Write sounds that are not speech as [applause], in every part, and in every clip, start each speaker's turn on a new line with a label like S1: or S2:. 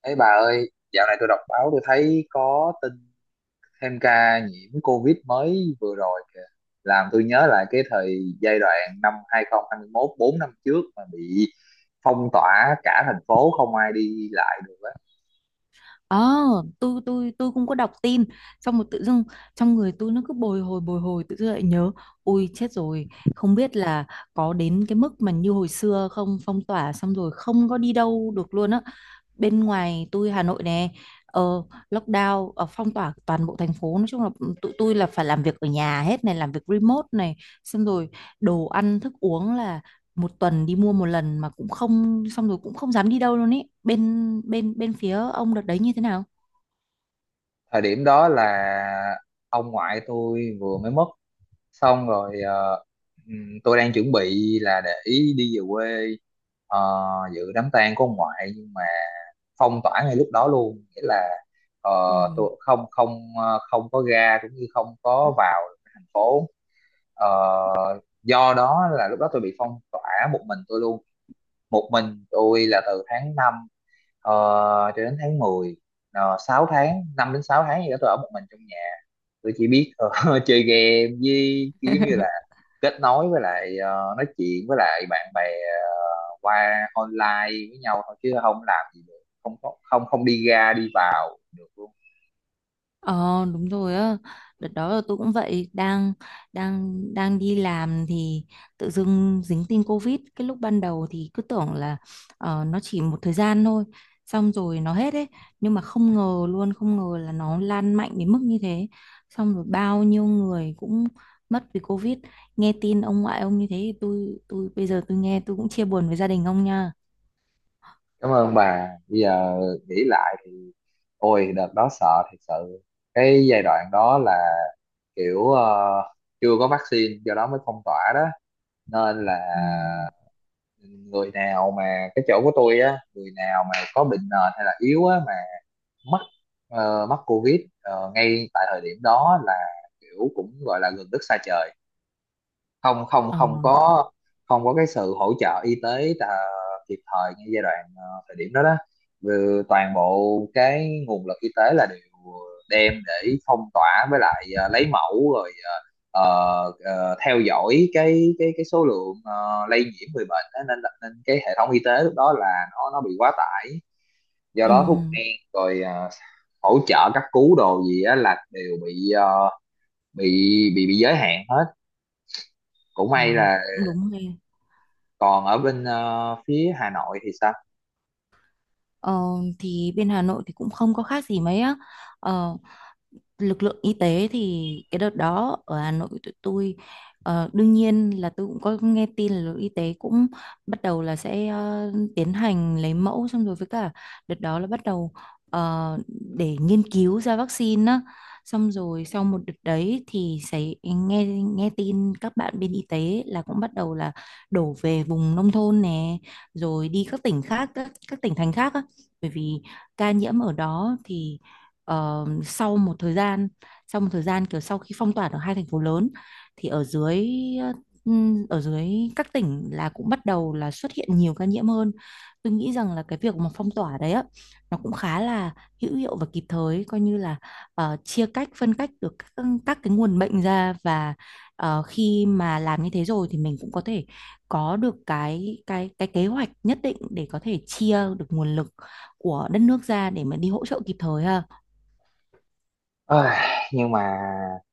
S1: Ấy bà ơi, dạo này tôi đọc báo tôi thấy có tin thêm ca nhiễm COVID mới vừa rồi kìa. Làm tôi nhớ lại cái thời giai đoạn năm 2021, 4 năm trước mà bị phong tỏa cả thành phố không ai đi lại được á.
S2: Ờ, tôi cũng có đọc tin xong một tự dưng trong người tôi nó cứ bồi hồi bồi hồi, tự dưng lại nhớ. Ui, chết rồi, không biết là có đến cái mức mà như hồi xưa không. Phong tỏa xong rồi không có đi đâu được luôn á. Bên ngoài tôi Hà Nội nè, ờ, lockdown, phong tỏa toàn bộ thành phố. Nói chung là tụi tôi là phải làm việc ở nhà hết này, làm việc remote này, xong rồi đồ ăn thức uống là một tuần đi mua một lần mà cũng không, xong rồi cũng không dám đi đâu luôn ý. Bên bên bên phía ông đợt đấy như thế nào?
S1: Thời điểm đó là ông ngoại tôi vừa mới mất, xong rồi tôi đang chuẩn bị là để ý đi về quê, ờ, dự đám tang của ông ngoại. Nhưng mà phong tỏa ngay lúc đó luôn, nghĩa là ờ,
S2: Ừ.
S1: tôi không không ờ, không có ra cũng như không có vào thành phố. Ờ, do đó là lúc đó tôi bị phong tỏa một mình tôi luôn, một mình tôi là từ tháng 5 ờ, cho đến tháng mười. 6 tháng, 5 đến 6 tháng gì đó, tôi ở một mình trong nhà. Tôi chỉ biết [laughs] chơi game với cái, giống như là
S2: [laughs]
S1: kết nối với lại, nói chuyện với lại bạn bè qua online với nhau thôi, chứ không làm gì được, không có, không không đi ra đi vào được luôn.
S2: Ờ, đúng rồi á. Đợt đó là tôi cũng vậy, đang đang đang đi làm thì tự dưng dính tin Covid. Cái lúc ban đầu thì cứ tưởng là nó chỉ một thời gian thôi xong rồi nó hết ấy, nhưng mà không ngờ luôn, không ngờ là nó lan mạnh đến mức như thế. Xong rồi bao nhiêu người cũng mất vì Covid. Nghe tin ông ngoại ông như thế thì tôi bây giờ tôi nghe, tôi cũng chia buồn với gia đình ông nha.
S1: Cảm ơn bà. Bây giờ nghĩ lại thì ôi đợt đó sợ thật sự. Cái giai đoạn đó là kiểu chưa có vaccine, do đó mới phong tỏa đó. Nên là
S2: Ồ.
S1: người nào mà cái chỗ của tôi á, người nào mà có bệnh nền hay là yếu á mà mắc, mắc covid ngay tại thời điểm đó là kiểu cũng gọi là gần đất xa trời, không không
S2: Ờ.
S1: không có, không có cái sự hỗ trợ y tế à, kịp thời ngay giai đoạn thời điểm đó đó. Vừa toàn bộ cái nguồn lực y tế là đều đem để phong tỏa với lại, lấy mẫu rồi theo dõi cái số lượng lây nhiễm người bệnh á, nên là- nên cái hệ thống y tế lúc đó là nó bị quá tải. Do
S2: Ừ.
S1: đó thuốc men rồi à, hỗ trợ cấp cứu đồ gì á là đều bị bị, bị giới hạn hết. Cũng may
S2: Ờ.
S1: là
S2: Cũng đúng ha.
S1: còn ở bên phía Hà Nội thì sao.
S2: Ờ, thì bên Hà Nội thì cũng không có khác gì mấy á. Ờ, lực lượng y tế thì cái đợt đó ở Hà Nội tụi tôi đương nhiên là tôi cũng có nghe tin là lực lượng y tế cũng bắt đầu là sẽ tiến hành lấy mẫu, xong rồi với cả đợt đó là bắt đầu ờ, để nghiên cứu ra vaccine á. Xong rồi sau một đợt đấy thì sẽ nghe nghe tin các bạn bên y tế là cũng bắt đầu là đổ về vùng nông thôn nè, rồi đi các tỉnh khác, các tỉnh thành khác á, bởi vì ca nhiễm ở đó thì. Ờ, sau một thời gian, kiểu sau khi phong tỏa ở hai thành phố lớn thì ở dưới, ở dưới các tỉnh là cũng bắt đầu là xuất hiện nhiều ca nhiễm hơn. Tôi nghĩ rằng là cái việc mà phong tỏa đấy á, nó cũng khá là hữu hiệu và kịp thời, coi như là chia cách, phân cách được các cái nguồn bệnh ra, và khi mà làm như thế rồi thì mình cũng có thể có được cái cái kế hoạch nhất định để có thể chia được nguồn lực của đất nước ra để mà đi hỗ trợ kịp thời ha.
S1: Ôi, nhưng mà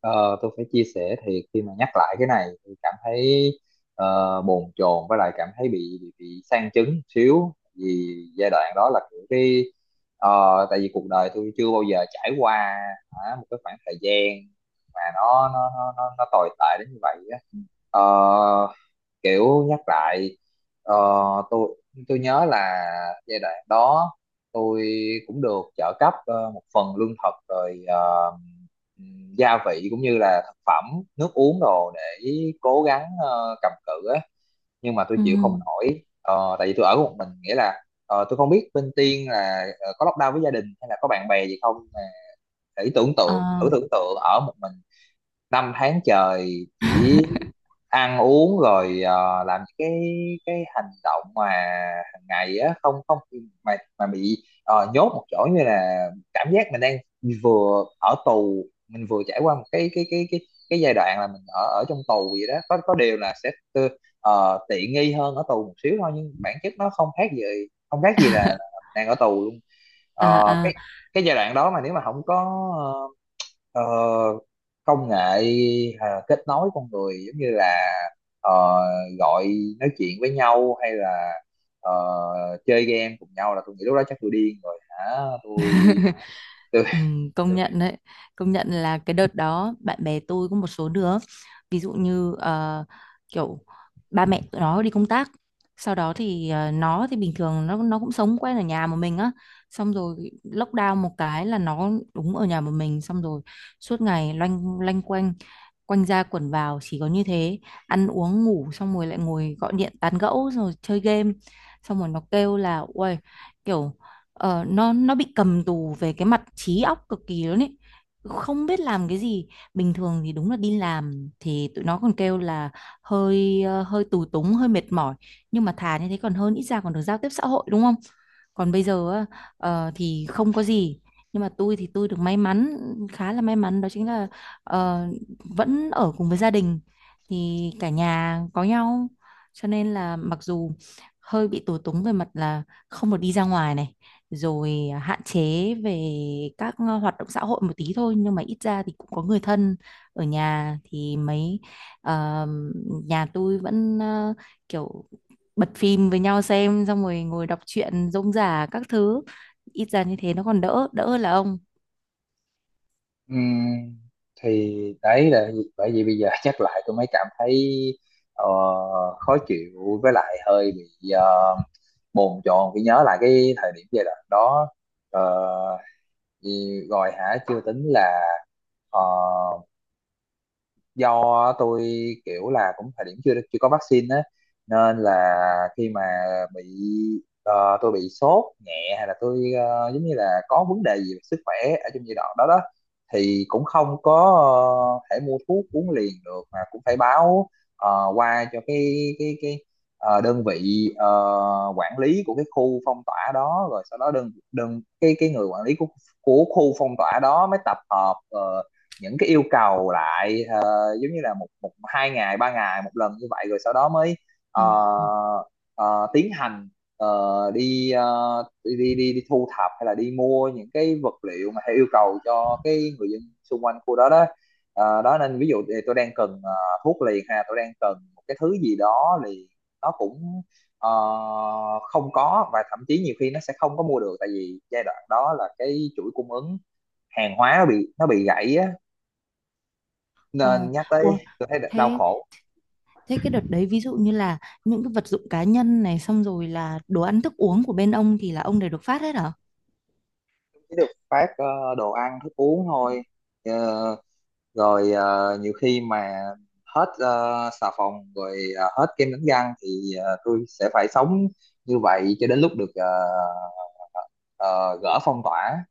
S1: tôi phải chia sẻ thiệt, khi mà nhắc lại cái này tôi cảm thấy bồn chồn với lại cảm thấy bị, bị sang chấn xíu. Vì giai đoạn đó là kiểu cái ờ, tại vì cuộc đời tôi chưa bao giờ trải qua hả, một cái khoảng thời gian mà nó tồi tệ đến như vậy á. Ờ, kiểu nhắc lại ờ, tôi tôi nhớ là giai đoạn đó tôi cũng được trợ cấp một phần lương thực rồi gia vị cũng như là thực phẩm, nước uống đồ, để cố gắng cầm cự á, nhưng mà tôi
S2: Ừ.
S1: chịu không nổi. Ờ, tại vì tôi ở một mình, nghĩa là tôi không biết bên Tiên là có lockdown với gia đình hay là có bạn bè gì không, mà thử tưởng
S2: Ờ.
S1: tượng, thử tưởng tượng ở một mình năm tháng trời chỉ
S2: [laughs]
S1: ăn uống rồi làm những cái hành động mà hàng ngày á, không không mà mà bị nhốt một chỗ, như là cảm giác mình đang vừa ở tù, mình vừa trải qua một cái cái giai đoạn là mình ở ở trong tù vậy đó. Có điều là sẽ tư- tiện nghi hơn ở tù một xíu thôi, nhưng bản chất nó không khác gì, không khác gì là đang ở tù luôn. Ờ,
S2: À, à,
S1: cái giai đoạn đó mà nếu mà không có ờ, Ờ, công nghệ kết nối con người, giống như là ờ, gọi, nói chuyện với nhau hay là ờ, chơi game cùng nhau, là tôi nghĩ lúc đó chắc tôi điên rồi hả. Tôi tôi.
S2: ừ, công nhận đấy. Công nhận là cái đợt đó bạn bè tôi có một số đứa, ví dụ như kiểu ba mẹ tụi nó đi công tác, sau đó thì nó thì bình thường nó cũng sống quen ở nhà một mình á, xong rồi lockdown một cái là nó đúng ở nhà một mình. Xong rồi suốt ngày loanh loanh quanh quanh ra quẩn vào, chỉ có như thế, ăn uống ngủ xong rồi lại ngồi gọi điện tán gẫu rồi chơi game. Xong rồi nó kêu là uầy, kiểu nó bị cầm tù về cái mặt trí óc cực kỳ luôn ấy, không biết làm cái gì. Bình thường thì đúng là đi làm thì tụi nó còn kêu là hơi hơi tù túng, hơi mệt mỏi, nhưng mà thà như thế còn hơn, ít ra còn được giao tiếp xã hội đúng không. Còn bây giờ á, thì không có gì. Nhưng mà tôi thì tôi được may mắn, khá là may mắn, đó chính là ờ, vẫn ở cùng với gia đình, thì cả nhà có nhau. Cho nên là mặc dù hơi bị tù túng về mặt là không được đi ra ngoài này, rồi hạn chế về các hoạt động xã hội một tí thôi, nhưng mà ít ra thì cũng có người thân ở nhà thì mấy. ờ, Nhà tôi vẫn, kiểu bật phim với nhau xem xong rồi ngồi đọc truyện rông rả các thứ, ít ra như thế nó còn đỡ, đỡ hơn là ông.
S1: Ừm, thì đấy là bởi vì bây giờ [laughs] chắc lại tôi mới cảm thấy ờ, khó chịu với lại hơi bị bồn chồn khi nhớ lại cái thời điểm giai đoạn đó. Ờ, thì rồi hả, chưa tính là ờ, do tôi kiểu là cũng thời điểm chưa chưa có vaccine á, nên là khi mà bị tôi bị sốt nhẹ, hay là tôi giống như là có vấn đề gì về sức khỏe ở trong giai đoạn đó đó, thì cũng không có thể mua thuốc uống liền được, mà cũng phải báo qua cho cái đơn vị quản lý của cái khu phong tỏa đó, rồi sau đó đơn đơn cái người quản lý của khu phong tỏa đó mới tập hợp những cái yêu cầu lại, giống như là một một hai ngày, ba ngày một lần như vậy, rồi sau đó mới ờ,
S2: Ờ.
S1: ờ, tiến hành, ờ, đi, đi, đi thu thập hay là đi mua những cái vật liệu mà theo yêu cầu cho cái người dân xung quanh khu đó đó. Ờ, đó, nên ví dụ thì tôi đang cần thuốc liền ha, tôi đang cần một cái thứ gì đó, thì nó cũng ờ, không có, và thậm chí nhiều khi nó sẽ không có mua được, tại vì giai đoạn đó là cái chuỗi cung ứng hàng hóa nó bị gãy á,
S2: Ờ.
S1: nên nhắc
S2: Ủa,
S1: tới tôi thấy đau
S2: thế.
S1: khổ.
S2: Cái đợt đấy ví dụ như là những cái vật dụng cá nhân này xong rồi là đồ ăn thức uống của bên ông thì là ông đều được phát hết hả?
S1: Chỉ được phát đồ ăn thức uống thôi. Ờ, rồi ờ, nhiều khi mà hết xà phòng, rồi ờ, hết kem đánh răng thì tôi sẽ phải sống như vậy cho đến lúc được ờ, gỡ phong tỏa.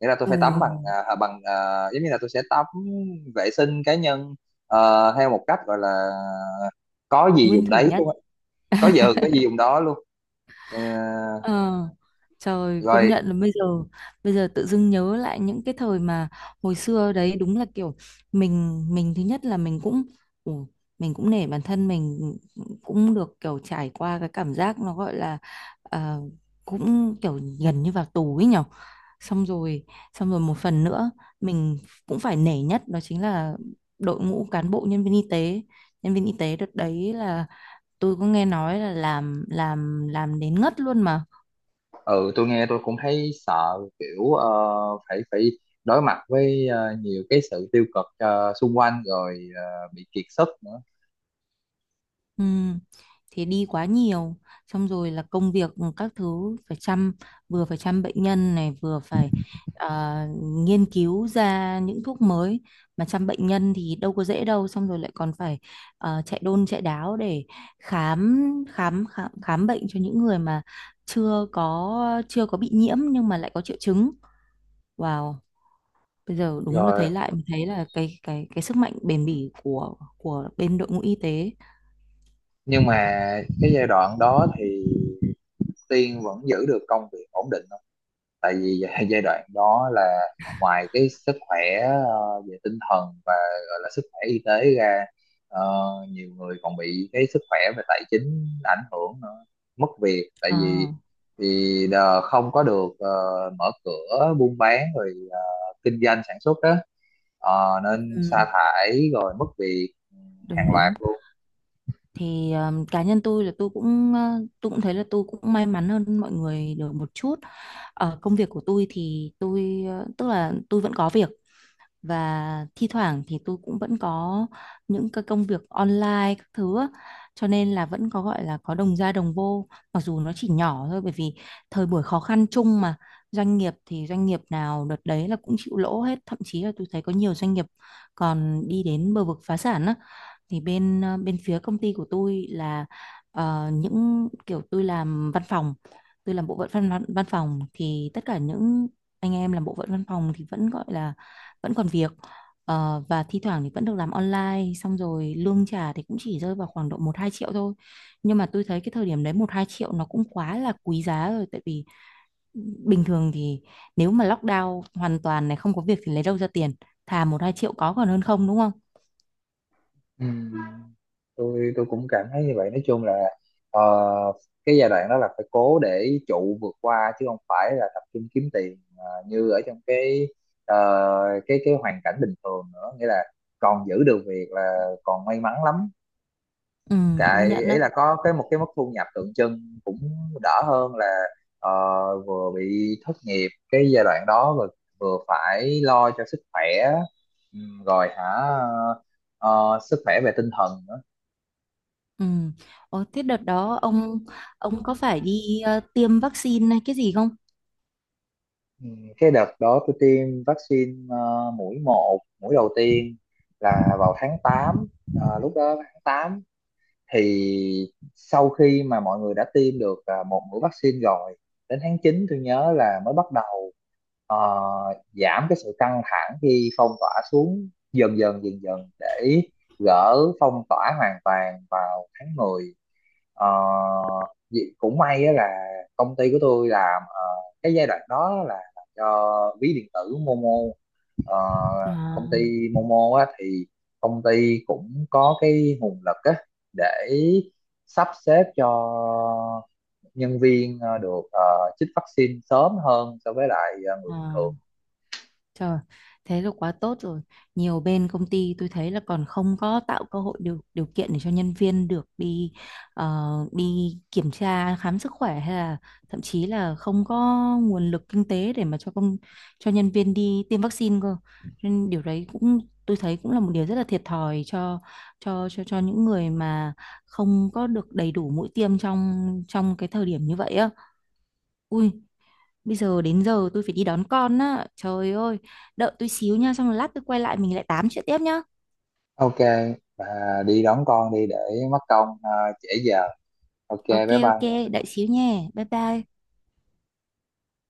S1: Nghĩa là tôi phải tắm
S2: Ừ,
S1: bằng ờ, à, bằng ờ, giống như là tôi sẽ tắm vệ sinh cá nhân theo một cách gọi là có gì
S2: nguyên
S1: dùng
S2: thủy
S1: đấy
S2: nhá.
S1: luôn á. Có giờ có gì dùng đó luôn. Ờ,
S2: Ờ, trời công
S1: rồi.
S2: nhận là bây giờ, tự dưng nhớ lại những cái thời mà hồi xưa đấy, đúng là kiểu mình, thứ nhất là mình cũng, ừ, mình cũng nể bản thân mình, cũng được kiểu trải qua cái cảm giác nó gọi là ờ, cũng kiểu gần như vào tù ấy nhở. Xong rồi, xong rồi một phần nữa mình cũng phải nể nhất, đó chính là đội ngũ cán bộ nhân viên y tế. Nhân viên y tế đợt đấy là tôi có nghe nói là làm đến ngất luôn mà.
S1: Ừ, tôi nghe tôi cũng thấy sợ, kiểu phải, phải đối mặt với nhiều cái sự tiêu cực xung quanh, rồi bị kiệt sức nữa.
S2: Ừ, thì đi quá nhiều, xong rồi là công việc các thứ phải chăm, vừa phải chăm bệnh nhân này, vừa phải ờ, nghiên cứu ra những thuốc mới. Mà chăm bệnh nhân thì đâu có dễ đâu, xong rồi lại còn phải chạy đôn chạy đáo để khám, khám bệnh cho những người mà chưa có, bị nhiễm nhưng mà lại có triệu chứng. Wow, bây giờ đúng là
S1: Rồi,
S2: thấy lại, mình thấy là cái cái sức mạnh bền bỉ của bên đội ngũ y tế.
S1: nhưng mà cái giai đoạn đó thì Tiên vẫn giữ được công việc ổn định, tại vì gi- [laughs] giai đoạn đó là ngoài cái sức khỏe về tinh thần và gọi là sức khỏe y tế ra, ờ, nhiều người còn bị cái sức khỏe về tài chính ảnh hưởng nữa, mất việc, tại
S2: Ờ.
S1: vì vì đờ- không có được mở cửa buôn bán rồi kinh doanh sản xuất đó. Ờ, nên sa
S2: Ừ.
S1: thải rồi mất việc, ừ, hàng
S2: Đúng
S1: loạt
S2: đúng.
S1: luôn.
S2: Thì cá nhân tôi là tôi cũng, tôi cũng thấy là tôi cũng may mắn hơn mọi người được một chút. Ở công việc của tôi thì tôi, tức là tôi vẫn có việc, và thi thoảng thì tôi cũng vẫn có những cái công việc online các thứ á. Cho nên là vẫn có gọi là có đồng ra đồng vô, mặc dù nó chỉ nhỏ thôi, bởi vì thời buổi khó khăn chung mà. Doanh nghiệp thì doanh nghiệp nào đợt đấy là cũng chịu lỗ hết, thậm chí là tôi thấy có nhiều doanh nghiệp còn đi đến bờ vực phá sản á. Thì bên, bên phía công ty của tôi là những kiểu tôi làm văn phòng, tôi làm bộ phận văn, văn văn phòng thì tất cả những anh em làm bộ phận văn phòng thì vẫn gọi là vẫn còn việc. Ờ, và thi thoảng thì vẫn được làm online, xong rồi lương trả thì cũng chỉ rơi vào khoảng độ 1-2 triệu thôi. Nhưng mà tôi thấy cái thời điểm đấy 1-2 triệu nó cũng quá là quý giá rồi, tại vì ừ, bình thường thì nếu mà lockdown hoàn toàn này không có việc thì lấy đâu ra tiền. Thà 1-2 triệu có còn hơn không, đúng không?
S1: Ừ, tôi cũng cảm thấy như vậy. Nói chung là ờ, cái giai đoạn đó là phải cố để trụ vượt qua, chứ không phải là tập trung kiếm tiền như ở trong cái ờ, cái hoàn cảnh bình thường nữa. Nghĩa là còn giữ được việc là còn may mắn lắm.
S2: Ừ,
S1: Cái
S2: công nhận
S1: ấy
S2: á.
S1: là có một cái mức thu nhập tượng trưng cũng đỡ hơn là ờ, vừa bị thất nghiệp cái giai đoạn đó, vừa phải lo cho sức khỏe. Ừ, rồi hả, ờ, sức khỏe về tinh thần nữa.
S2: Ừ. Ồ, thế đợt đó ông, có phải đi tiêm vaccine hay cái gì không?
S1: Ừ, cái đợt đó tôi tiêm vaccine mũi một, mũi đầu tiên là vào tháng tám. Ờ, lúc đó tháng 8 thì sau khi mà mọi người đã tiêm được một mũi vaccine rồi, đến tháng 9 tôi nhớ là mới bắt ờ, giảm cái sự căng thẳng khi phong tỏa xuống, dần dần để gỡ phong tỏa hoàn toàn vào tháng 10. Ờ, vì- cũng may á là công ty của tôi làm, cái giai đoạn đó là làm cho ví điện tử Momo. Ờ,
S2: À,
S1: công ty Momo á, thì công ty cũng có cái nguồn lực á, để sắp xếp cho nhân viên được chích vaccine sớm hơn so với lại người bình thường.
S2: à. Trời, thế là quá tốt rồi. Nhiều bên công ty tôi thấy là còn không có tạo cơ hội điều điều kiện để cho nhân viên được đi đi kiểm tra khám sức khỏe, hay là thậm chí là không có nguồn lực kinh tế để mà cho công, cho nhân viên đi tiêm vaccine cơ. Nên điều đấy cũng, tôi thấy cũng là một điều rất là thiệt thòi cho những người mà không có được đầy đủ mũi tiêm trong trong cái thời điểm như vậy á. Ui, bây giờ đến giờ tôi phải đi đón con á, trời ơi. Đợi tôi xíu nha, xong rồi lát tôi quay lại mình lại tám chuyện tiếp nhá.
S1: Ok, và đi đón con đi, để mất công trễ giờ. Ok, bye
S2: Ok ok,
S1: bye.
S2: đợi xíu nha, bye bye.